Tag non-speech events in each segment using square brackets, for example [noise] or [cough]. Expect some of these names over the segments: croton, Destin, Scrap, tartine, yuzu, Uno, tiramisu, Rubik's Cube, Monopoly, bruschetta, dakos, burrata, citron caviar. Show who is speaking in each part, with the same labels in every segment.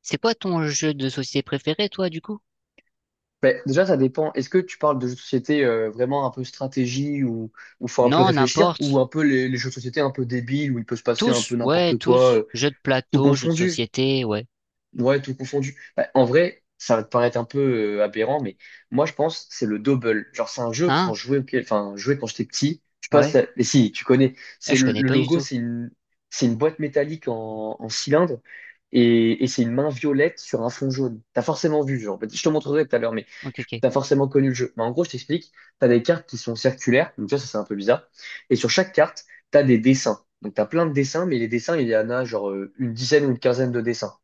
Speaker 1: C'est quoi ton jeu de société préféré, toi, du coup?
Speaker 2: Ben, déjà, ça dépend. Est-ce que tu parles de jeux de société vraiment un peu stratégie ou où faut un peu
Speaker 1: Non,
Speaker 2: réfléchir ou
Speaker 1: n'importe.
Speaker 2: un peu les jeux de société un peu débiles où il peut se passer un peu
Speaker 1: Tous, ouais,
Speaker 2: n'importe quoi,
Speaker 1: tous. Jeu de
Speaker 2: tout
Speaker 1: plateau, jeu de
Speaker 2: confondu?
Speaker 1: société, ouais.
Speaker 2: Ouais, tout confondu. Bah, en vrai, ça va te paraître un peu aberrant, mais moi, je pense c'est le double. Genre, c'est un jeu
Speaker 1: Hein?
Speaker 2: quand je jouais, enfin, je jouais quand j'étais petit. Je passe,
Speaker 1: Ouais.
Speaker 2: à... mais si, tu connais.
Speaker 1: Ah,
Speaker 2: C'est
Speaker 1: je
Speaker 2: le,
Speaker 1: connais
Speaker 2: le
Speaker 1: pas du
Speaker 2: logo,
Speaker 1: tout.
Speaker 2: c'est une boîte métallique en cylindre et c'est une main violette sur un fond jaune. T'as forcément vu, genre. Je te montrerai tout à l'heure, mais
Speaker 1: Ok, ok.
Speaker 2: t'as forcément connu le jeu. Mais en gros, je t'explique. T'as des cartes qui sont circulaires, donc ça, c'est un peu bizarre. Et sur chaque carte, t'as des dessins. Donc, t'as plein de dessins, mais les dessins, il y en a genre une dizaine ou une quinzaine de dessins.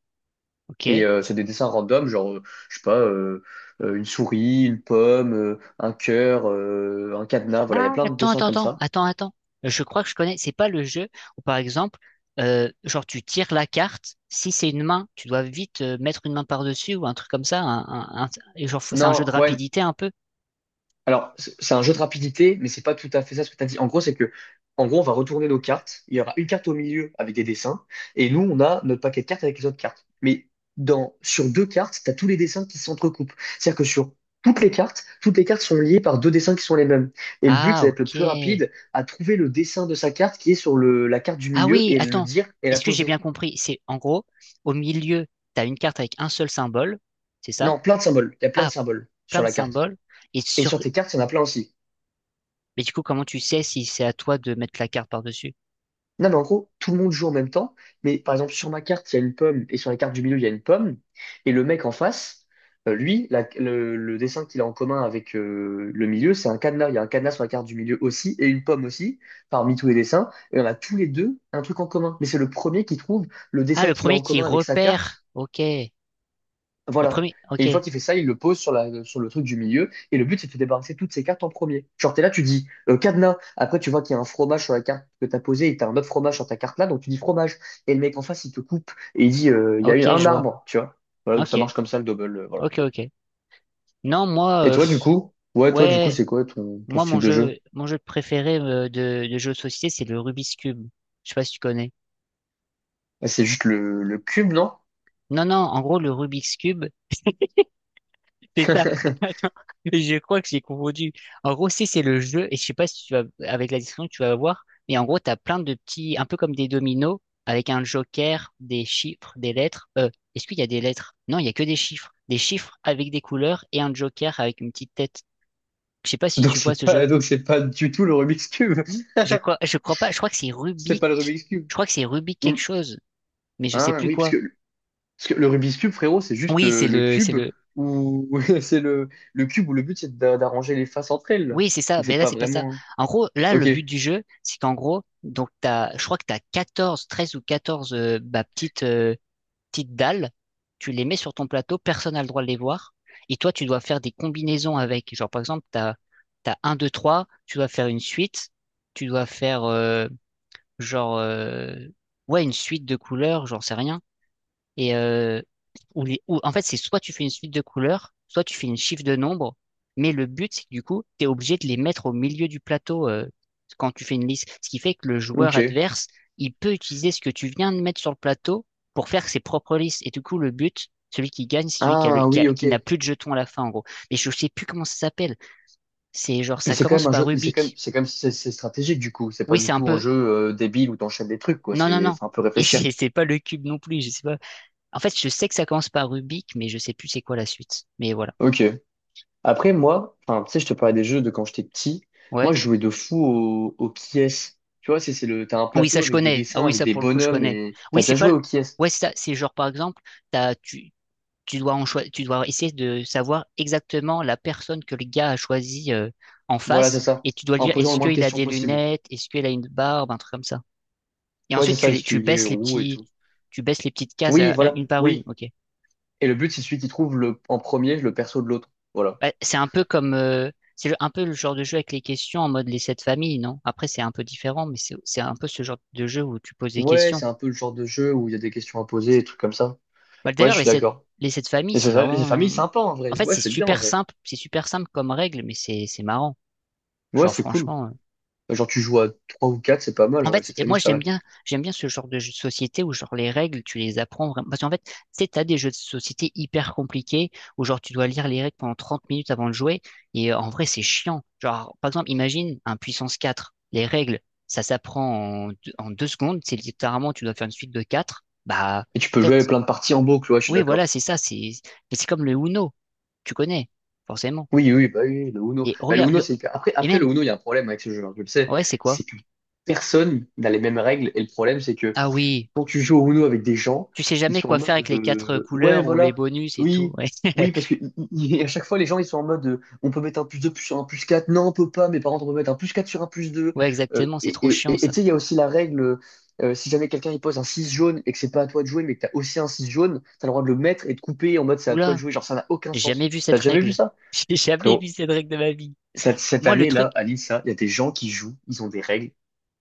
Speaker 1: Ok.
Speaker 2: Et c'est des dessins random, genre, je sais pas, une souris, une pomme, un cœur, un cadenas, voilà, il y a
Speaker 1: Ah,
Speaker 2: plein de
Speaker 1: attends,
Speaker 2: dessins
Speaker 1: attends,
Speaker 2: comme
Speaker 1: attends,
Speaker 2: ça.
Speaker 1: attends, attends. Je crois que je connais. C'est pas le jeu où, par exemple, genre tu tires la carte. Si c'est une main, tu dois vite mettre une main par-dessus ou un truc comme ça. Et genre, c'est un jeu de
Speaker 2: Non, ouais,
Speaker 1: rapidité un peu.
Speaker 2: alors, c'est un jeu de rapidité, mais c'est pas tout à fait ça ce que tu as dit. En gros, c'est que, en gros, on va retourner nos cartes. Il y aura une carte au milieu avec des dessins, et nous, on a notre paquet de cartes avec les autres cartes. Mais dans, sur deux cartes, tu as tous les dessins qui s'entrecoupent. C'est-à-dire que sur toutes les cartes sont liées par deux dessins qui sont les mêmes. Et le but,
Speaker 1: Ah,
Speaker 2: c'est d'être le plus
Speaker 1: ok.
Speaker 2: rapide à trouver le dessin de sa carte qui est sur le, la carte du
Speaker 1: Ah
Speaker 2: milieu
Speaker 1: oui,
Speaker 2: et le
Speaker 1: attends.
Speaker 2: dire et la
Speaker 1: Est-ce que j'ai
Speaker 2: poser.
Speaker 1: bien compris? C'est en gros, au milieu, t'as une carte avec un seul symbole. C'est ça?
Speaker 2: Non, plein de symboles. Il y a plein de
Speaker 1: Ah,
Speaker 2: symboles
Speaker 1: plein
Speaker 2: sur
Speaker 1: de
Speaker 2: la carte.
Speaker 1: symboles. Et
Speaker 2: Et
Speaker 1: sur.
Speaker 2: sur tes cartes, il y en a plein aussi.
Speaker 1: Mais du coup, comment tu sais si c'est à toi de mettre la carte par-dessus?
Speaker 2: Non, mais en gros, tout le monde joue en même temps. Mais par exemple, sur ma carte, il y a une pomme, et sur la carte du milieu, il y a une pomme. Et le mec en face, lui, le dessin qu'il a en commun avec le milieu, c'est un cadenas. Il y a un cadenas sur la carte du milieu aussi, et une pomme aussi, parmi tous les dessins. Et on a tous les deux un truc en commun. Mais c'est le premier qui trouve le
Speaker 1: Ah,
Speaker 2: dessin
Speaker 1: le
Speaker 2: qu'il a
Speaker 1: premier
Speaker 2: en
Speaker 1: qui
Speaker 2: commun avec sa
Speaker 1: repère.
Speaker 2: carte,
Speaker 1: Ok. Le
Speaker 2: voilà.
Speaker 1: premier.
Speaker 2: Et
Speaker 1: Ok.
Speaker 2: une fois qu'il fait ça, il le pose sur la, sur le truc du milieu. Et le but, c'est de se débarrasser de toutes ces cartes en premier. Genre, t'es là, tu dis cadenas. Après, tu vois qu'il y a un fromage sur la carte que t'as posée et t'as un autre fromage sur ta carte là. Donc, tu dis fromage. Et le mec en face, il te coupe et il dit il y a eu
Speaker 1: Ok,
Speaker 2: un
Speaker 1: je vois.
Speaker 2: arbre, tu vois. Voilà, donc
Speaker 1: Ok.
Speaker 2: ça marche comme ça le double. Voilà.
Speaker 1: Ok, ok. Non, moi,
Speaker 2: Et toi, du
Speaker 1: pff,
Speaker 2: coup, ouais, toi, du coup,
Speaker 1: ouais,
Speaker 2: c'est quoi ton, ton
Speaker 1: moi, mon
Speaker 2: style de
Speaker 1: jeu,
Speaker 2: jeu?
Speaker 1: mon jeu préféré de jeu de société, c'est le Rubik's Cube. Je sais pas si tu connais.
Speaker 2: Ah, c'est juste le cube, non?
Speaker 1: Non, non, en gros, le Rubik's Cube, c'est ça. [laughs] Attends,
Speaker 2: [laughs]
Speaker 1: je crois que j'ai confondu. En gros, c'est le jeu, et je sais pas si tu vas, avec la description, tu vas voir, mais en gros, t'as plein de petits, un peu comme des dominos, avec un joker, des chiffres, des lettres. Est-ce qu'il y a des lettres? Non, il y a que des chiffres. Des chiffres avec des couleurs et un joker avec une petite tête. Je sais pas si tu vois ce jeu.
Speaker 2: Donc c'est pas du tout le Rubik's Cube.
Speaker 1: Je crois pas, je crois que c'est
Speaker 2: [laughs] C'est
Speaker 1: Rubik.
Speaker 2: pas le Rubik's Cube.
Speaker 1: Je crois que c'est Rubik quelque
Speaker 2: Ou-
Speaker 1: chose, mais je sais
Speaker 2: ah
Speaker 1: plus
Speaker 2: oui, parce
Speaker 1: quoi.
Speaker 2: que parce que le Rubik's Cube, frérot, c'est juste
Speaker 1: Oui,
Speaker 2: le cube où [laughs] c'est le cube où le but c'est d'arranger les faces entre elles, là.
Speaker 1: oui, c'est ça,
Speaker 2: Donc
Speaker 1: mais
Speaker 2: c'est
Speaker 1: là,
Speaker 2: pas
Speaker 1: c'est pas ça.
Speaker 2: vraiment. Hein.
Speaker 1: En gros, là, le
Speaker 2: Ok,
Speaker 1: but du jeu, c'est qu'en gros, donc t'as, je crois que tu as 14, 13 ou 14 bah, petites dalles, tu les mets sur ton plateau, personne n'a le droit de les voir, et toi, tu dois faire des combinaisons avec. Genre, par exemple, t'as un 2 3 tu dois faire une suite, tu dois faire, genre, ouais, une suite de couleurs, j'en sais rien. Et en fait, c'est soit tu fais une suite de couleurs, soit tu fais une chiffre de nombres, mais le but, c'est que du coup, tu es obligé de les mettre au milieu du plateau quand tu fais une liste. Ce qui fait que le joueur
Speaker 2: ok.
Speaker 1: adverse, il peut utiliser ce que tu viens de mettre sur le plateau pour faire ses propres listes. Et du coup, le but, celui qui gagne, c'est celui qui a le-
Speaker 2: Ah
Speaker 1: qui a-
Speaker 2: oui, ok.
Speaker 1: qui n'a plus de jetons à la fin, en gros. Mais je sais plus comment ça s'appelle. C'est genre,
Speaker 2: Mais
Speaker 1: ça
Speaker 2: c'est quand
Speaker 1: commence
Speaker 2: même un
Speaker 1: par
Speaker 2: jeu, mais c'est quand même,
Speaker 1: Rubik.
Speaker 2: c'est quand même c'est stratégique du coup. C'est
Speaker 1: Oui,
Speaker 2: pas du
Speaker 1: c'est un
Speaker 2: tout un
Speaker 1: peu.
Speaker 2: jeu débile où t'enchaînes des trucs, quoi.
Speaker 1: Non, non,
Speaker 2: C'est,
Speaker 1: non.
Speaker 2: faut un peu
Speaker 1: Et [laughs]
Speaker 2: réfléchir.
Speaker 1: c'est pas le cube non plus, je sais pas. En fait, je sais que ça commence par Rubik, mais je sais plus c'est quoi la suite. Mais voilà.
Speaker 2: Ok. Après, moi, enfin, tu sais, je te parlais des jeux de quand j'étais petit. Moi,
Speaker 1: Ouais.
Speaker 2: je jouais de fou au Kies. Tu vois, c'est le, t'as un
Speaker 1: Oui, ça
Speaker 2: plateau
Speaker 1: je
Speaker 2: avec des
Speaker 1: connais. Ah
Speaker 2: dessins,
Speaker 1: oui,
Speaker 2: avec
Speaker 1: ça
Speaker 2: des
Speaker 1: pour le coup je
Speaker 2: bonhommes
Speaker 1: connais.
Speaker 2: et t'as
Speaker 1: Oui, c'est
Speaker 2: déjà
Speaker 1: pas.
Speaker 2: joué au Kies.
Speaker 1: Ouais, c'est ça. C'est genre par exemple, t'as, tu, tu dois essayer de savoir exactement la personne que le gars a choisie en
Speaker 2: Voilà, c'est
Speaker 1: face,
Speaker 2: ça.
Speaker 1: et tu dois lui
Speaker 2: En
Speaker 1: dire
Speaker 2: posant le
Speaker 1: est-ce
Speaker 2: moins de
Speaker 1: qu'il a
Speaker 2: questions
Speaker 1: des
Speaker 2: possible.
Speaker 1: lunettes, est-ce qu'il a une barbe, un truc comme ça. Et
Speaker 2: Ouais, c'est
Speaker 1: ensuite
Speaker 2: ça, ce
Speaker 1: tu
Speaker 2: qu'il est
Speaker 1: baisses les
Speaker 2: roux et
Speaker 1: petits,
Speaker 2: tout.
Speaker 1: tu baisses les petites cases
Speaker 2: Oui, voilà,
Speaker 1: une par une.
Speaker 2: oui.
Speaker 1: Ok.
Speaker 2: Et le but, c'est celui qui trouve le, en premier le perso de l'autre. Voilà.
Speaker 1: Bah, c'est un peu comme, un peu le genre de jeu avec les questions en mode les Sept Familles, non? Après, c'est un peu différent, mais c'est un peu ce genre de jeu où tu poses des
Speaker 2: Ouais,
Speaker 1: questions.
Speaker 2: c'est un peu le genre de jeu où il y a des questions à poser, des trucs comme ça.
Speaker 1: Bah,
Speaker 2: Ouais, je
Speaker 1: d'ailleurs,
Speaker 2: suis d'accord.
Speaker 1: les Sept Familles,
Speaker 2: Et c'est
Speaker 1: c'est
Speaker 2: ça, les
Speaker 1: vraiment,
Speaker 2: familles, c'est sympa en
Speaker 1: en
Speaker 2: vrai.
Speaker 1: fait,
Speaker 2: Ouais,
Speaker 1: c'est
Speaker 2: c'est bien en
Speaker 1: super
Speaker 2: vrai.
Speaker 1: simple, c'est super simple comme règle, mais c'est marrant.
Speaker 2: Ouais,
Speaker 1: Genre,
Speaker 2: c'est cool.
Speaker 1: franchement.
Speaker 2: Genre, tu joues à 3 ou 4 c'est pas mal
Speaker 1: En
Speaker 2: en vrai,
Speaker 1: fait,
Speaker 2: cette
Speaker 1: et
Speaker 2: famille,
Speaker 1: moi
Speaker 2: c'est pas
Speaker 1: j'aime
Speaker 2: mal.
Speaker 1: bien, j'aime bien ce genre de jeu de société où genre les règles, tu les apprends vraiment. Parce qu'en fait, tu sais, t'as des jeux de société hyper compliqués où genre tu dois lire les règles pendant 30 minutes avant de jouer. Et en vrai, c'est chiant. Genre, par exemple, imagine un Puissance 4. Les règles, ça s'apprend en deux secondes. C'est littéralement, tu dois faire une suite de 4. Bah,
Speaker 2: Et tu
Speaker 1: en
Speaker 2: peux jouer
Speaker 1: fait,
Speaker 2: plein de parties en boucle, ouais, je suis
Speaker 1: oui,
Speaker 2: d'accord.
Speaker 1: voilà, c'est ça. Mais c'est comme le Uno. Tu connais, forcément.
Speaker 2: Oui, oui, bah oui, le Uno.
Speaker 1: Et
Speaker 2: Bah, le
Speaker 1: regarde,
Speaker 2: Uno, c'est hyper- après,
Speaker 1: et
Speaker 2: après,
Speaker 1: même,
Speaker 2: le Uno, il y a un problème avec ce jeu, hein, je le sais.
Speaker 1: ouais, c'est quoi?
Speaker 2: C'est que personne n'a les mêmes règles et le problème, c'est que
Speaker 1: Ah oui.
Speaker 2: quand tu joues au Uno avec des gens,
Speaker 1: Tu sais
Speaker 2: ils
Speaker 1: jamais
Speaker 2: sont en
Speaker 1: quoi faire
Speaker 2: mode
Speaker 1: avec les quatre
Speaker 2: ouais,
Speaker 1: couleurs ou les
Speaker 2: voilà,
Speaker 1: bonus et tout.
Speaker 2: oui,
Speaker 1: Ouais,
Speaker 2: oui,
Speaker 1: [laughs]
Speaker 2: parce que à chaque fois, les gens ils sont en mode on peut mettre un plus 2 sur un plus 4 non, on peut pas, mes parents contre, on peut mettre un plus 4 sur un plus deux.
Speaker 1: ouais,
Speaker 2: Euh,
Speaker 1: exactement,
Speaker 2: et
Speaker 1: c'est trop
Speaker 2: et-
Speaker 1: chiant
Speaker 2: et- et
Speaker 1: ça.
Speaker 2: tu sais, il y a aussi la règle si jamais quelqu'un il pose un 6 jaune et que c'est pas à toi de jouer, mais que t'as aussi un 6 jaune, t'as le droit de le mettre et de couper en mode c'est à toi de
Speaker 1: Oula,
Speaker 2: jouer, genre ça n'a aucun
Speaker 1: j'ai jamais
Speaker 2: sens.
Speaker 1: vu cette
Speaker 2: T'as jamais vu
Speaker 1: règle.
Speaker 2: ça?
Speaker 1: [laughs] J'ai jamais
Speaker 2: Frérot,
Speaker 1: vu cette règle de ma vie.
Speaker 2: cette
Speaker 1: Moi, le truc,
Speaker 2: année-là, à l'INSA, il y a des gens qui jouent, ils ont des règles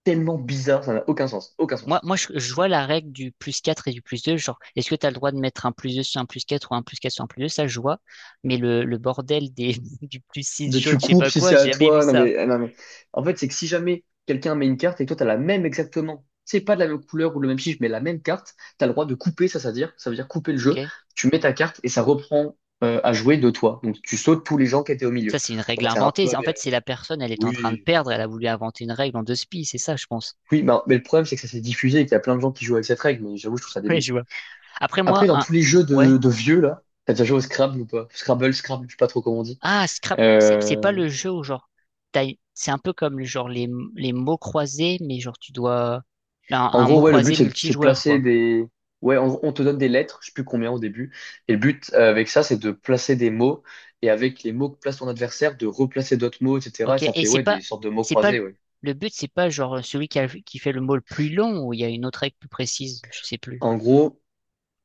Speaker 2: tellement bizarres, ça n'a aucun sens, aucun
Speaker 1: moi,
Speaker 2: sens.
Speaker 1: moi, je vois la règle du plus 4 et du plus 2. Genre, est-ce que tu as le droit de mettre un plus 2 sur un plus 4 ou un plus 4 sur un plus 2 ça, je vois. Mais le bordel des, [laughs] du plus 6
Speaker 2: De
Speaker 1: jaune,
Speaker 2: tu
Speaker 1: je sais
Speaker 2: coupes
Speaker 1: pas
Speaker 2: si
Speaker 1: quoi,
Speaker 2: c'est
Speaker 1: j'ai
Speaker 2: à
Speaker 1: jamais vu
Speaker 2: toi. Non
Speaker 1: ça.
Speaker 2: mais, non mais, en fait, c'est que si jamais quelqu'un met une carte et que toi, t'as la même exactement, c'est pas de la même couleur ou le même chiffre, mais la même carte, t'as le droit de couper, ça, ça veut dire couper le jeu.
Speaker 1: Ok?
Speaker 2: Tu mets ta carte et ça reprend à jouer de toi. Donc, tu sautes tous les gens qui étaient au milieu.
Speaker 1: Ça, c'est une règle
Speaker 2: Bon, c'est un
Speaker 1: inventée.
Speaker 2: peu
Speaker 1: En
Speaker 2: aberrant.
Speaker 1: fait, c'est la personne, elle est en train de
Speaker 2: Oui.
Speaker 1: perdre, elle a voulu inventer une règle en deux spies, c'est ça, je pense.
Speaker 2: Oui, bah, mais le problème, c'est que ça s'est diffusé et qu'il y a plein de gens qui jouent avec cette règle, mais j'avoue, je trouve
Speaker 1: [laughs]
Speaker 2: ça
Speaker 1: Ouais,
Speaker 2: débile.
Speaker 1: je vois. Après, moi,
Speaker 2: Après, dans
Speaker 1: un,
Speaker 2: tous les jeux
Speaker 1: ouais.
Speaker 2: de vieux, là, t'as déjà joué au Scrabble ou pas? Scrabble, Scrabble, je sais pas trop comment on dit.
Speaker 1: Ah, Scrap, c'est
Speaker 2: Euh,
Speaker 1: pas le jeu où genre c'est un peu comme genre les mots croisés, mais genre tu dois
Speaker 2: En
Speaker 1: un mot
Speaker 2: gros, ouais, le but,
Speaker 1: croisé
Speaker 2: c'est de
Speaker 1: multijoueur
Speaker 2: placer
Speaker 1: quoi.
Speaker 2: des... Ouais, on te donne des lettres, je sais plus combien au début. Et le but avec ça, c'est de placer des mots. Et avec les mots que place ton adversaire, de replacer d'autres mots, etc. Et
Speaker 1: Ok.
Speaker 2: ça
Speaker 1: Et
Speaker 2: fait,
Speaker 1: c'est
Speaker 2: ouais, des
Speaker 1: pas
Speaker 2: sortes de mots
Speaker 1: c'est pas
Speaker 2: croisés, ouais.
Speaker 1: le but, c'est pas genre celui qui fait le mot le plus long ou il y a une autre règle plus précise, je sais plus.
Speaker 2: En gros,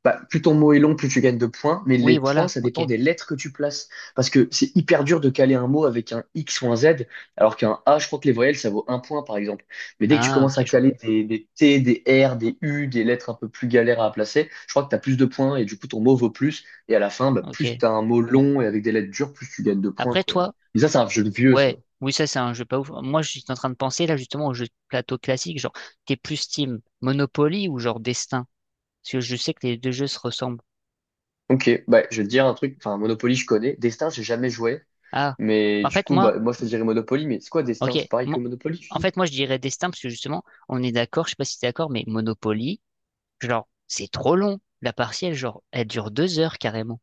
Speaker 2: bah, plus ton mot est long, plus tu gagnes de points, mais
Speaker 1: Oui,
Speaker 2: les points,
Speaker 1: voilà.
Speaker 2: ça
Speaker 1: Ok.
Speaker 2: dépend des lettres que tu places. Parce que c'est hyper dur de caler un mot avec un X ou un Z, alors qu'un A, je crois que les voyelles, ça vaut un point, par exemple. Mais dès que tu
Speaker 1: Ah,
Speaker 2: commences
Speaker 1: ok,
Speaker 2: à
Speaker 1: je vois.
Speaker 2: caler des T, des R, des U, des lettres un peu plus galères à placer, je crois que tu as plus de points et du coup, ton mot vaut plus. Et à la fin, bah,
Speaker 1: Ok.
Speaker 2: plus tu as un mot long et avec des lettres dures, plus tu gagnes de points,
Speaker 1: Après
Speaker 2: quoi.
Speaker 1: toi,
Speaker 2: Mais ça, c'est un jeu de vieux, ça.
Speaker 1: ouais. Oui, ça c'est un jeu pas ouf. Moi, je suis en train de penser là justement au jeu de plateau classique, genre t'es plus team Monopoly ou genre Destin, parce que je sais que les deux jeux se ressemblent.
Speaker 2: Ok, bah, je vais te dire un truc. Enfin, Monopoly, je connais. Destin, j'ai jamais joué.
Speaker 1: Ah.
Speaker 2: Mais
Speaker 1: En
Speaker 2: du
Speaker 1: fait,
Speaker 2: coup,
Speaker 1: moi.
Speaker 2: bah, moi, je te dirais Monopoly, mais c'est quoi
Speaker 1: Ok.
Speaker 2: Destin? C'est pareil que
Speaker 1: Mo-
Speaker 2: Monopoly, tu
Speaker 1: En
Speaker 2: dis?
Speaker 1: fait, moi, je dirais destin parce que justement, on est d'accord, je sais pas si t'es d'accord, mais Monopoly, genre, c'est trop long. La partielle, genre, elle dure 2 heures carrément.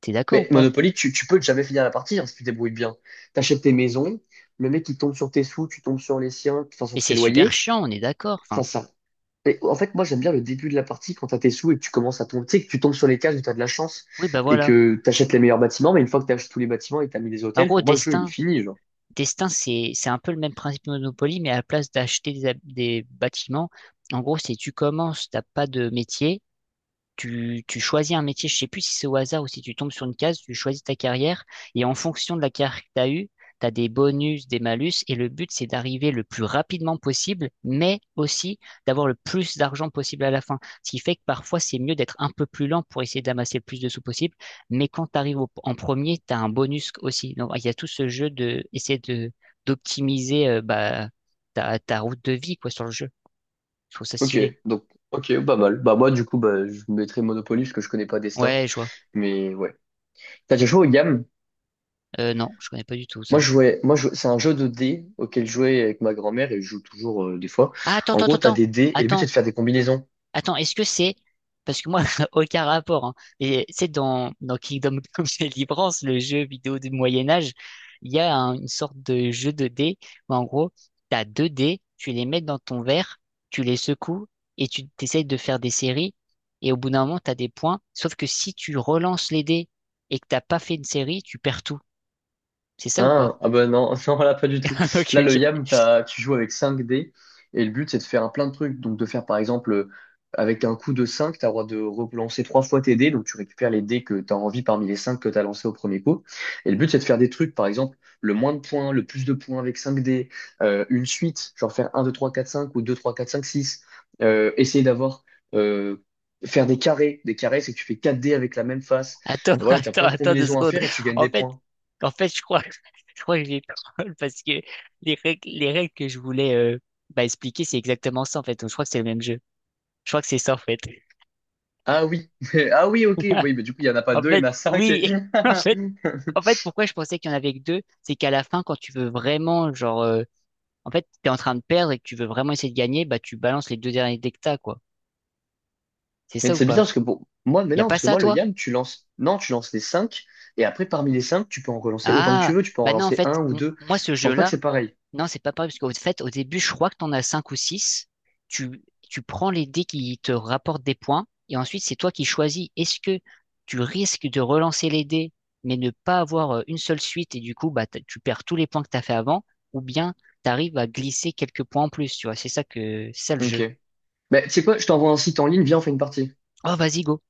Speaker 1: T'es d'accord ou
Speaker 2: Mais
Speaker 1: pas?
Speaker 2: Monopoly, tu peux jamais finir la partie hein, si tu te débrouilles bien. T'achètes tes maisons, le mec il tombe sur tes sous, tu tombes sur les siens, enfin
Speaker 1: Et
Speaker 2: sur ses
Speaker 1: c'est super
Speaker 2: loyers.
Speaker 1: chiant, on est d'accord. Enfin,
Speaker 2: Enfin, ça. Et en fait, moi j'aime bien le début de la partie quand t'as tes sous et que tu commences à tomber. Tu sais que tu tombes sur les cases où t'as de la chance
Speaker 1: oui, bah
Speaker 2: et
Speaker 1: voilà.
Speaker 2: que t'achètes les meilleurs bâtiments, mais une fois que t'achètes tous les bâtiments et que t'as mis des
Speaker 1: En
Speaker 2: hôtels,
Speaker 1: gros,
Speaker 2: pour moi le jeu il est
Speaker 1: destin,
Speaker 2: fini, genre.
Speaker 1: destin, c'est, un peu le même principe que Monopoly, mais à la place d'acheter des bâtiments, en gros, c'est tu commences, t'as pas de métier, tu choisis un métier, je sais plus si c'est au hasard ou si tu tombes sur une case, tu choisis ta carrière et en fonction de la carrière que tu as eue, tu as des bonus, des malus et le but c'est d'arriver le plus rapidement possible, mais aussi d'avoir le plus d'argent possible à la fin. Ce qui fait que parfois c'est mieux d'être un peu plus lent pour essayer d'amasser le plus de sous possible, mais quand tu arrives en premier, tu as un bonus aussi. Donc il y a tout ce jeu de essayer de d'optimiser bah, ta route de vie quoi sur le jeu. Je trouve ça
Speaker 2: Ok,
Speaker 1: stylé.
Speaker 2: donc ok, pas mal. Bah moi du coup bah je mettrais Monopoly parce que je connais pas Destin.
Speaker 1: Ouais, je vois.
Speaker 2: Mais ouais. T'as déjà joué aux games?
Speaker 1: Non, je connais pas du tout
Speaker 2: Moi,
Speaker 1: ça.
Speaker 2: je jouais, c'est un jeu de dés auquel je jouais avec ma grand-mère et je joue toujours des fois.
Speaker 1: Ah, attends,
Speaker 2: En
Speaker 1: attends,
Speaker 2: gros, tu as
Speaker 1: attends,
Speaker 2: des dés et le but, c'est
Speaker 1: attends,
Speaker 2: de faire des combinaisons.
Speaker 1: attends, est-ce que c'est. Parce que moi, [laughs] aucun rapport. Hein. Et c'est dans Kingdom Come [laughs] Deliverance, le jeu vidéo du Moyen Âge, il y a une sorte de jeu de dés où en gros, t'as deux dés, tu les mets dans ton verre, tu les secoues et tu t'essayes de faire des séries. Et au bout d'un moment, t'as des points. Sauf que si tu relances les dés et que t'as pas fait une série, tu perds tout. C'est ça ou
Speaker 2: Hein,
Speaker 1: pas?
Speaker 2: ah ben non, [laughs] non, là pas du tout.
Speaker 1: [laughs] Ok,
Speaker 2: Là, le
Speaker 1: ok.
Speaker 2: YAM, t'as, tu joues avec 5 dés et le but c'est de faire un plein de trucs. Donc de faire par exemple, avec un coup de 5 t'as le droit de relancer trois fois tes dés. Donc tu récupères les dés que t'as envie parmi les 5 que t'as lancés au premier coup. Et le but c'est de faire des trucs, par exemple, le moins de points, le plus de points avec 5 dés, une suite, genre faire un 2 3 4 5 ou 2 3 4 5 six. Essayer d'avoir, euh, faire des carrés. Des carrés, c'est que tu fais 4 dés avec la même face.
Speaker 1: Attends, [laughs]
Speaker 2: Voilà, t'as
Speaker 1: attends,
Speaker 2: plein de
Speaker 1: attends deux
Speaker 2: combinaisons à
Speaker 1: secondes.
Speaker 2: faire et tu gagnes
Speaker 1: En
Speaker 2: des
Speaker 1: fait,
Speaker 2: points.
Speaker 1: en fait, je crois, [laughs] je crois que j'ai troll [laughs] parce que les règles que je voulais bah, expliquer, c'est exactement ça en fait. Donc, je crois que c'est le même jeu. Je crois que c'est ça en fait.
Speaker 2: Ah oui, [laughs] ah oui, ok,
Speaker 1: [laughs]
Speaker 2: oui, mais du coup, il n'y en a pas
Speaker 1: En
Speaker 2: deux, il y en
Speaker 1: fait,
Speaker 2: a cinq. Et-
Speaker 1: oui. [laughs] En fait,
Speaker 2: [laughs]
Speaker 1: en fait, pourquoi je pensais qu'il y en avait que deux, c'est qu'à la fin, quand tu veux vraiment, genre, en fait, t'es en train de perdre et que tu veux vraiment essayer de gagner, bah, tu balances les deux derniers dès que t'as, quoi. C'est
Speaker 2: mais
Speaker 1: ça ou
Speaker 2: c'est
Speaker 1: pas?
Speaker 2: bizarre parce que pour moi, mais
Speaker 1: Y a
Speaker 2: non,
Speaker 1: pas
Speaker 2: parce que
Speaker 1: ça,
Speaker 2: moi, le
Speaker 1: toi?
Speaker 2: yam, tu lances, non, tu lances les cinq, et après, parmi les cinq, tu peux en relancer autant que tu
Speaker 1: Ah,
Speaker 2: veux, tu peux en
Speaker 1: bah non, en
Speaker 2: relancer un
Speaker 1: fait,
Speaker 2: ou deux.
Speaker 1: moi, ce
Speaker 2: Je pense pas que
Speaker 1: jeu-là.
Speaker 2: c'est pareil.
Speaker 1: Non, c'est pas pareil, parce qu'au fait, au début, je crois que t'en as 5 ou 6. Tu, Tu prends les dés qui te rapportent des points, et ensuite, c'est toi qui choisis. Est-ce que tu risques de relancer les dés, mais ne pas avoir une seule suite, et du coup, bah, tu perds tous les points que t'as fait avant, ou bien t'arrives à glisser quelques points en plus, tu vois. C'est ça le
Speaker 2: Ok.
Speaker 1: jeu.
Speaker 2: Mais tu sais quoi, je t'envoie un site en ligne, viens, on fait une partie.
Speaker 1: Oh, vas-y, go.